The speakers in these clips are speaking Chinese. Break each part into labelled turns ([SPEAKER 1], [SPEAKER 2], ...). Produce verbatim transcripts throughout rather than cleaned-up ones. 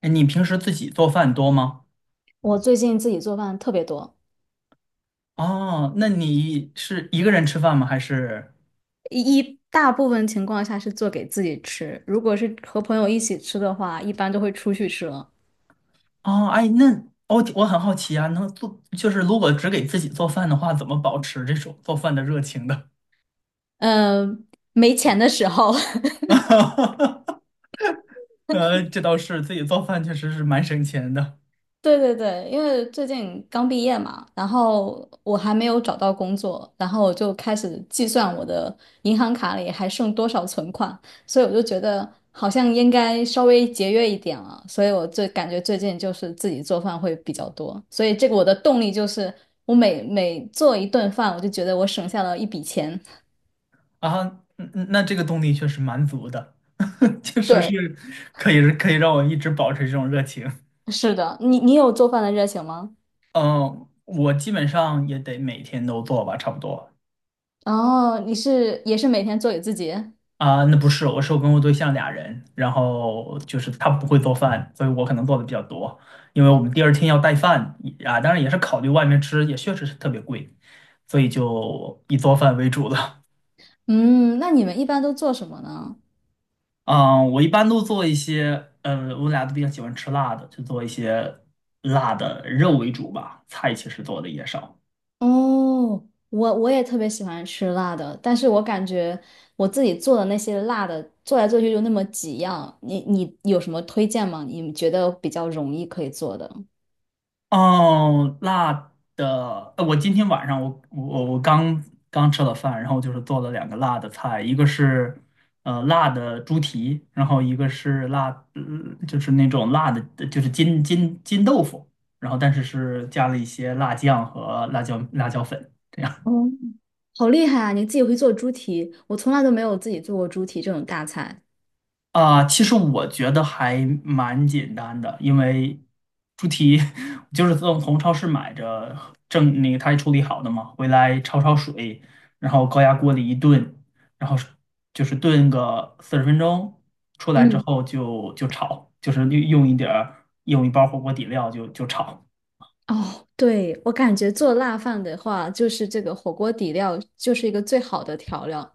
[SPEAKER 1] 哎，你平时自己做饭多吗？
[SPEAKER 2] 我最近自己做饭特别多，
[SPEAKER 1] 哦，哎那你是一个人吃饭吗？还是。
[SPEAKER 2] 一一大部分情况下是做给自己吃，如果是和朋友一起吃的话，一般都会出去吃了。
[SPEAKER 1] 哦，哎，那我我很好奇啊，能做就是如果只给自己做饭的话，怎么保持这种做饭的热情的？
[SPEAKER 2] 嗯，没钱的时候，
[SPEAKER 1] 呃，这倒是，自己做饭确实是蛮省钱的
[SPEAKER 2] 对对对，因为最近刚毕业嘛，然后我还没有找到工作，然后我就开始计算我的银行卡里还剩多少存款，所以我就觉得好像应该稍微节约一点了，所以我最感觉最近就是自己做饭会比较多，所以这个我的动力就是我每每做一顿饭，我就觉得我省下了一笔钱。
[SPEAKER 1] 啊。嗯嗯，那这个动力确实蛮足的，确实
[SPEAKER 2] 对，
[SPEAKER 1] 是可以可以让我一直保持这种热情。
[SPEAKER 2] 是的，你你有做饭的热情吗？
[SPEAKER 1] 嗯，我基本上也得每天都做吧，差不多。
[SPEAKER 2] 哦，你是也是每天做给自己？
[SPEAKER 1] 啊，那不是，我是我跟我对象俩人，然后就是他不会做饭，所以我可能做的比较多，因为我们第二天要带饭啊，当然也是考虑外面吃，也确实是特别贵，所以就以做饭为主了。
[SPEAKER 2] 嗯，那你们一般都做什么呢？
[SPEAKER 1] 嗯，我一般都做一些，嗯，我俩都比较喜欢吃辣的，就做一些辣的肉为主吧，菜其实做的也少。
[SPEAKER 2] 哦，我我也特别喜欢吃辣的，但是我感觉我自己做的那些辣的，做来做去就那么几样。你你有什么推荐吗？你觉得比较容易可以做的？
[SPEAKER 1] 哦，辣的，呃我今天晚上我我我刚刚吃了饭，然后就是做了两个辣的菜，一个是呃辣的猪蹄，然后一个是辣，嗯就是那种辣的，就是金金金豆腐，然后但是是加了一些辣酱和辣椒辣椒粉。这样。
[SPEAKER 2] 哦，好厉害啊！你自己会做猪蹄，我从来都没有自己做过猪蹄这种大菜。
[SPEAKER 1] 啊，其实我觉得还蛮简单的，因为猪蹄 就是从从超市买着正那个它处理好的嘛，回来焯焯水，然后高压锅里一炖，然后是就是炖个四十分钟，出来之
[SPEAKER 2] 嗯，
[SPEAKER 1] 后就就炒，就是用用一点儿用一包火锅底料就就炒。
[SPEAKER 2] 哦，对，我感觉做辣饭的话，就是这个火锅底料就是一个最好的调料。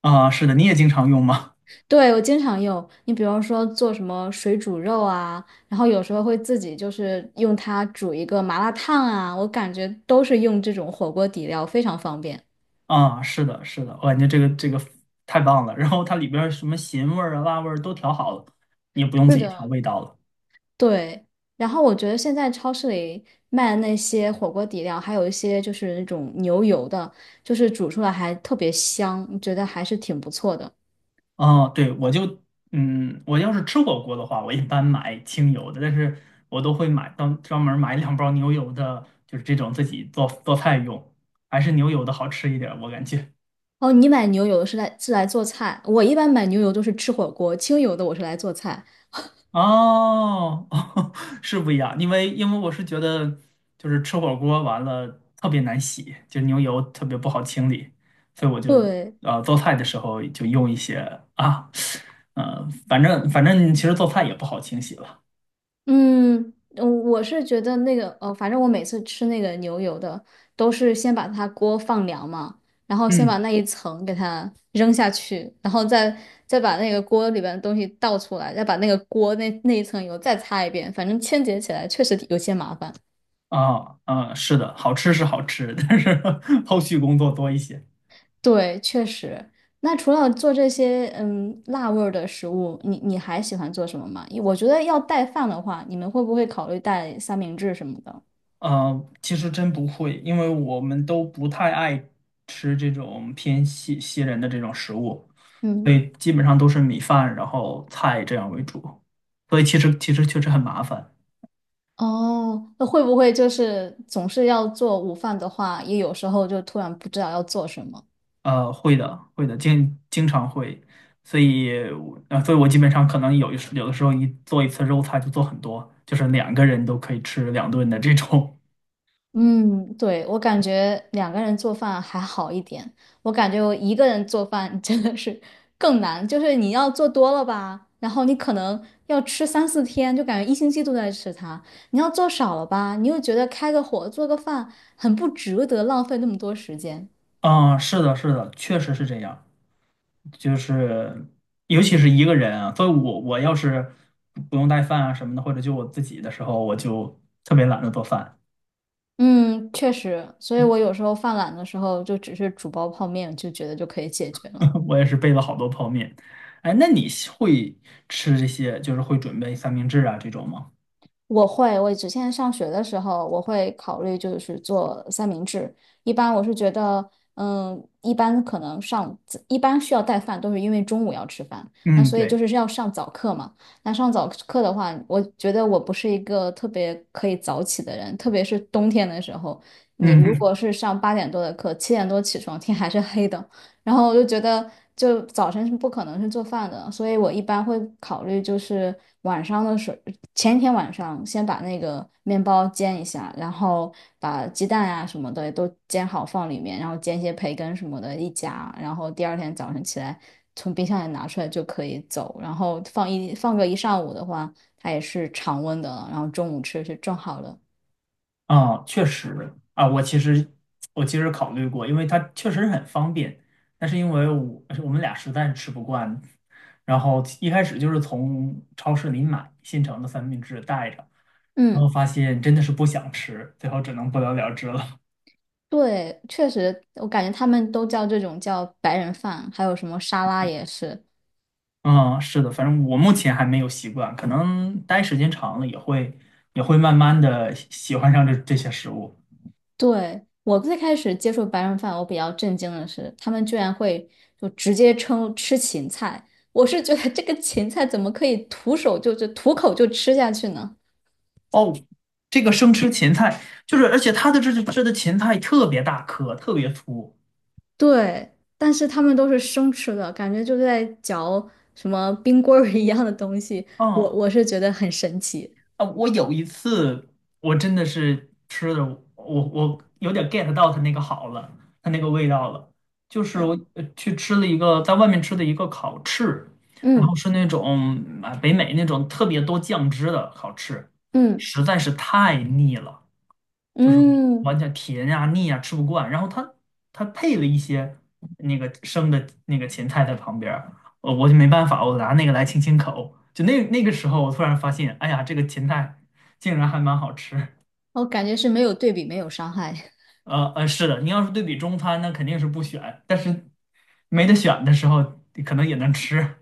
[SPEAKER 1] 啊，是的，你也经常用吗？
[SPEAKER 2] 对，我经常用。你比如说做什么水煮肉啊，然后有时候会自己就是用它煮一个麻辣烫啊，我感觉都是用这种火锅底料，非常方便。
[SPEAKER 1] 啊，是的，是的，我感觉这个这个太棒了。然后它里边儿什么咸味儿啊、辣味儿都调好了，你也不用
[SPEAKER 2] 是
[SPEAKER 1] 自己调
[SPEAKER 2] 的，
[SPEAKER 1] 味道了。
[SPEAKER 2] 对，然后我觉得现在超市里卖的那些火锅底料，还有一些就是那种牛油的，就是煮出来还特别香，觉得还是挺不错的。
[SPEAKER 1] 哦，对，我就，嗯，我要是吃火锅的话，我一般买清油的，但是我都会买专专门买两包牛油的，就是这种自己做做菜用，还是牛油的好吃一点儿我感觉。
[SPEAKER 2] 哦，你买牛油是来是来做菜，我一般买牛油都是吃火锅，清油的我是来做菜。
[SPEAKER 1] 哦，哦，是不一样，因为因为我是觉得就是吃火锅完了特别难洗，就牛油特别不好清理，所以我就
[SPEAKER 2] 对。
[SPEAKER 1] 呃做菜的时候就用一些啊，呃，反正反正其实做菜也不好清洗了，
[SPEAKER 2] 嗯，嗯我是觉得那个呃，反正我每次吃那个牛油的，都是先把它锅放凉嘛，然后先
[SPEAKER 1] 嗯。
[SPEAKER 2] 把那一层给它扔下去，然后再再把那个锅里边的东西倒出来，再把那个锅那那一层油再擦一遍，反正清洁起来确实有些麻烦。
[SPEAKER 1] 啊嗯，是的，好吃是好吃，但是 后续工作多一些。
[SPEAKER 2] 对，确实。那除了做这些嗯辣味儿的食物，你你还喜欢做什么吗？我觉得要带饭的话，你们会不会考虑带三明治什么的？
[SPEAKER 1] 啊，其实真不会，因为我们都不太爱吃这种偏西西人的这种食物，所
[SPEAKER 2] 嗯。
[SPEAKER 1] 以基本上都是米饭，然后菜这样为主。所以其实其实确实很麻烦。
[SPEAKER 2] 哦，那会不会就是总是要做午饭的话，也有时候就突然不知道要做什么？
[SPEAKER 1] 呃，会的，会的，经经常会。所以我，呃，所以我基本上可能有一时有的时候一做一次肉菜就做很多，就是两个人都可以吃两顿的这种。
[SPEAKER 2] 嗯，对，我感觉两个人做饭还好一点，我感觉我一个人做饭真的是更难，就是你要做多了吧，然后你可能要吃三四天，就感觉一星期都在吃它；你要做少了吧，你又觉得开个火做个饭很不值得，浪费那么多时间。
[SPEAKER 1] 啊，是的，是的，确实是这样。就是尤其是一个人啊，所以我我要是不用带饭啊什么的，或者就我自己的时候，我就特别懒得做饭，
[SPEAKER 2] 嗯，确实，所以我有时候犯懒的时候，就只是煮包泡面，就觉得就可以解决了。
[SPEAKER 1] 我也是备了好多泡面。哎，那你喜会吃这些，就是会准备三明治啊这种吗？
[SPEAKER 2] 我会，我之前上学的时候，我会考虑就是做三明治。一般我是觉得，嗯，一般可能上，一般需要带饭，都是因为中午要吃饭，那
[SPEAKER 1] 嗯，
[SPEAKER 2] 所以就
[SPEAKER 1] 对，
[SPEAKER 2] 是要上早课嘛。那上早课的话，我觉得我不是一个特别可以早起的人，特别是冬天的时候，你
[SPEAKER 1] 嗯
[SPEAKER 2] 如
[SPEAKER 1] 哼。
[SPEAKER 2] 果是上八点多的课，七点多起床，天还是黑的，然后我就觉得，就早晨是不可能是做饭的，所以我一般会考虑就是晚上的时候，前一天晚上先把那个面包煎一下，然后把鸡蛋啊什么的都煎好放里面，然后煎一些培根什么的一夹，然后第二天早晨起来从冰箱里拿出来就可以走，然后放一放个一上午的话，它也是常温的了然后中午吃是正好的。
[SPEAKER 1] 啊，确实啊，我其实我其实考虑过，因为它确实很方便，但是因为我我们俩实在是吃不惯，然后一开始就是从超市里买现成的三明治带着。然后
[SPEAKER 2] 嗯。
[SPEAKER 1] 发现真的是不想吃，最后只能不了了之了。
[SPEAKER 2] 对，确实，我感觉他们都叫这种叫白人饭，还有什么沙拉也是。
[SPEAKER 1] 嗯，是的，反正我目前还没有习惯，可能待时间长了也会也会慢慢的喜欢上这这些食物。
[SPEAKER 2] 对，我最开始接触白人饭，我比较震惊的是，他们居然会就直接称吃芹菜。我是觉得这个芹菜怎么可以徒手就就徒口就吃下去呢？
[SPEAKER 1] 哦，这个生吃芹菜，就是而且它的这这的芹菜特别大颗，特别粗。
[SPEAKER 2] 对，但是他们都是生吃的，感觉就在嚼什么冰棍儿一样的东西，我
[SPEAKER 1] 嗯。
[SPEAKER 2] 我是觉得很神奇。
[SPEAKER 1] 啊，我有一次我真的是吃的，我我有点 get 到它那个好了，它那个味道了。就是我
[SPEAKER 2] 嗯
[SPEAKER 1] 呃去吃了一个在外面吃的一个烤翅，然后
[SPEAKER 2] 嗯
[SPEAKER 1] 是那种啊北美那种特别多酱汁的烤翅，
[SPEAKER 2] 嗯
[SPEAKER 1] 实在是太腻了。就是
[SPEAKER 2] 嗯，
[SPEAKER 1] 完全甜呀、腻呀、吃不惯。然后它它配了一些那个生的那个芹菜在旁边儿，呃，我就没办法，我拿那个来清清口。就那那个时候，我突然发现，哎呀，这个芹菜竟然还蛮好吃。
[SPEAKER 2] 我感觉是没有对比，没有伤害。
[SPEAKER 1] 呃呃，是的，你要是对比中餐，那肯定是不选，但是没得选的时候，可能也能吃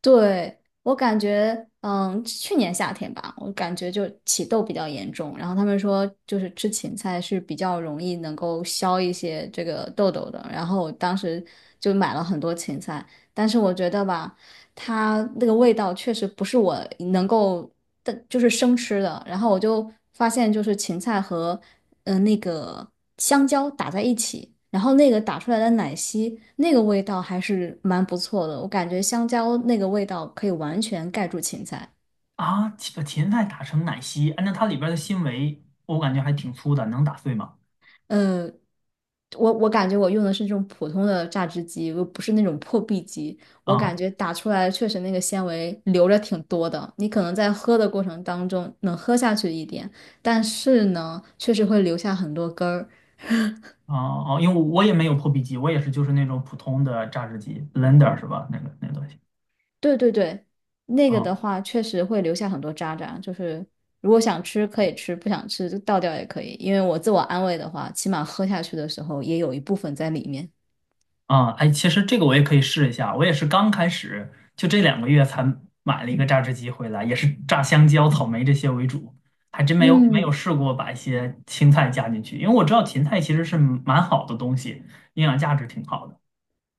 [SPEAKER 2] 对，我感觉，嗯，去年夏天吧，我感觉就起痘比较严重，然后他们说就是吃芹菜是比较容易能够消一些这个痘痘的，然后我当时就买了很多芹菜，但是我觉得吧，它那个味道确实不是我能够的，就是生吃的。然后我就发现，就是芹菜和嗯、呃那个香蕉打在一起，然后那个打出来的奶昔，那个味道还是蛮不错的。我感觉香蕉那个味道可以完全盖住芹菜。
[SPEAKER 1] 啊。把芹菜打成奶昔，按照它里边的纤维，我感觉还挺粗的，能打碎吗？
[SPEAKER 2] 嗯，我我感觉我用的是这种普通的榨汁机，又不是那种破壁机。我
[SPEAKER 1] 啊、
[SPEAKER 2] 感觉打出来确实那个纤维留着挺多的，你可能在喝的过程当中能喝下去一点，但是呢，确实会留下很多根儿。
[SPEAKER 1] 哦哦，因为我也没有破壁机，我也是就是那种普通的榨汁机 l e n d e r 是吧？那个那个东西。
[SPEAKER 2] 对对对，那个
[SPEAKER 1] 啊
[SPEAKER 2] 的话确实会留下很多渣渣，就是如果想吃可以吃，不想吃就倒掉也可以。因为我自我安慰的话，起码喝下去的时候也有一部分在里面。
[SPEAKER 1] 啊，哎，其实这个我也可以试一下，我也是刚开始，就这两个月才买了一个榨汁机回来，也是榨香蕉、草莓这些为主，还真没有没有
[SPEAKER 2] 嗯。
[SPEAKER 1] 试过把一些青菜加进去，因为我知道芹菜其实是蛮好的东西，营养价值挺好的。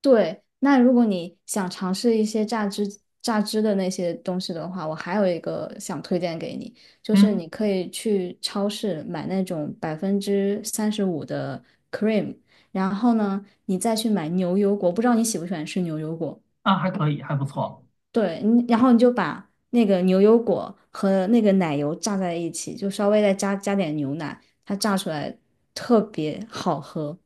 [SPEAKER 2] 对，那如果你想尝试一些榨汁榨汁的那些东西的话，我还有一个想推荐给你，就是
[SPEAKER 1] 嗯，
[SPEAKER 2] 你可以去超市买那种百分之三十五的 cream，然后呢，你再去买牛油果，不知道你喜不喜欢吃牛油果？
[SPEAKER 1] 啊，还可以，还不错，
[SPEAKER 2] 对，你然后你就把那个牛油果和那个奶油榨在一起，就稍微再加加点牛奶，它榨出来特别好喝。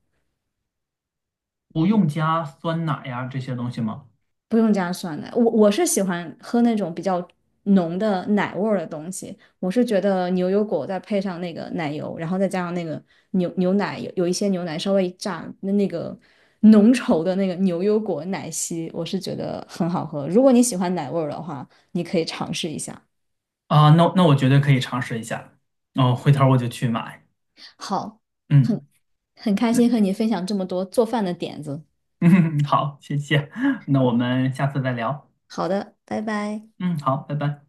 [SPEAKER 1] 不用加酸奶呀这些东西吗？
[SPEAKER 2] 不用加酸奶，我我是喜欢喝那种比较浓的奶味儿的东西。我是觉得牛油果再配上那个奶油，然后再加上那个牛牛奶，有有一些牛奶稍微一炸，那那个浓稠的那个牛油果奶昔，我是觉得很好喝。如果你喜欢奶味儿的话，你可以尝试一下。
[SPEAKER 1] 啊，那那我绝对可以尝试一下，哦，回头我就去买。
[SPEAKER 2] 好，很
[SPEAKER 1] 嗯。
[SPEAKER 2] 很开心 和你分享这么多做饭的点子。
[SPEAKER 1] 嗯，好，谢谢，那我们下次再聊。
[SPEAKER 2] 好的，拜拜。
[SPEAKER 1] 嗯，好，拜拜。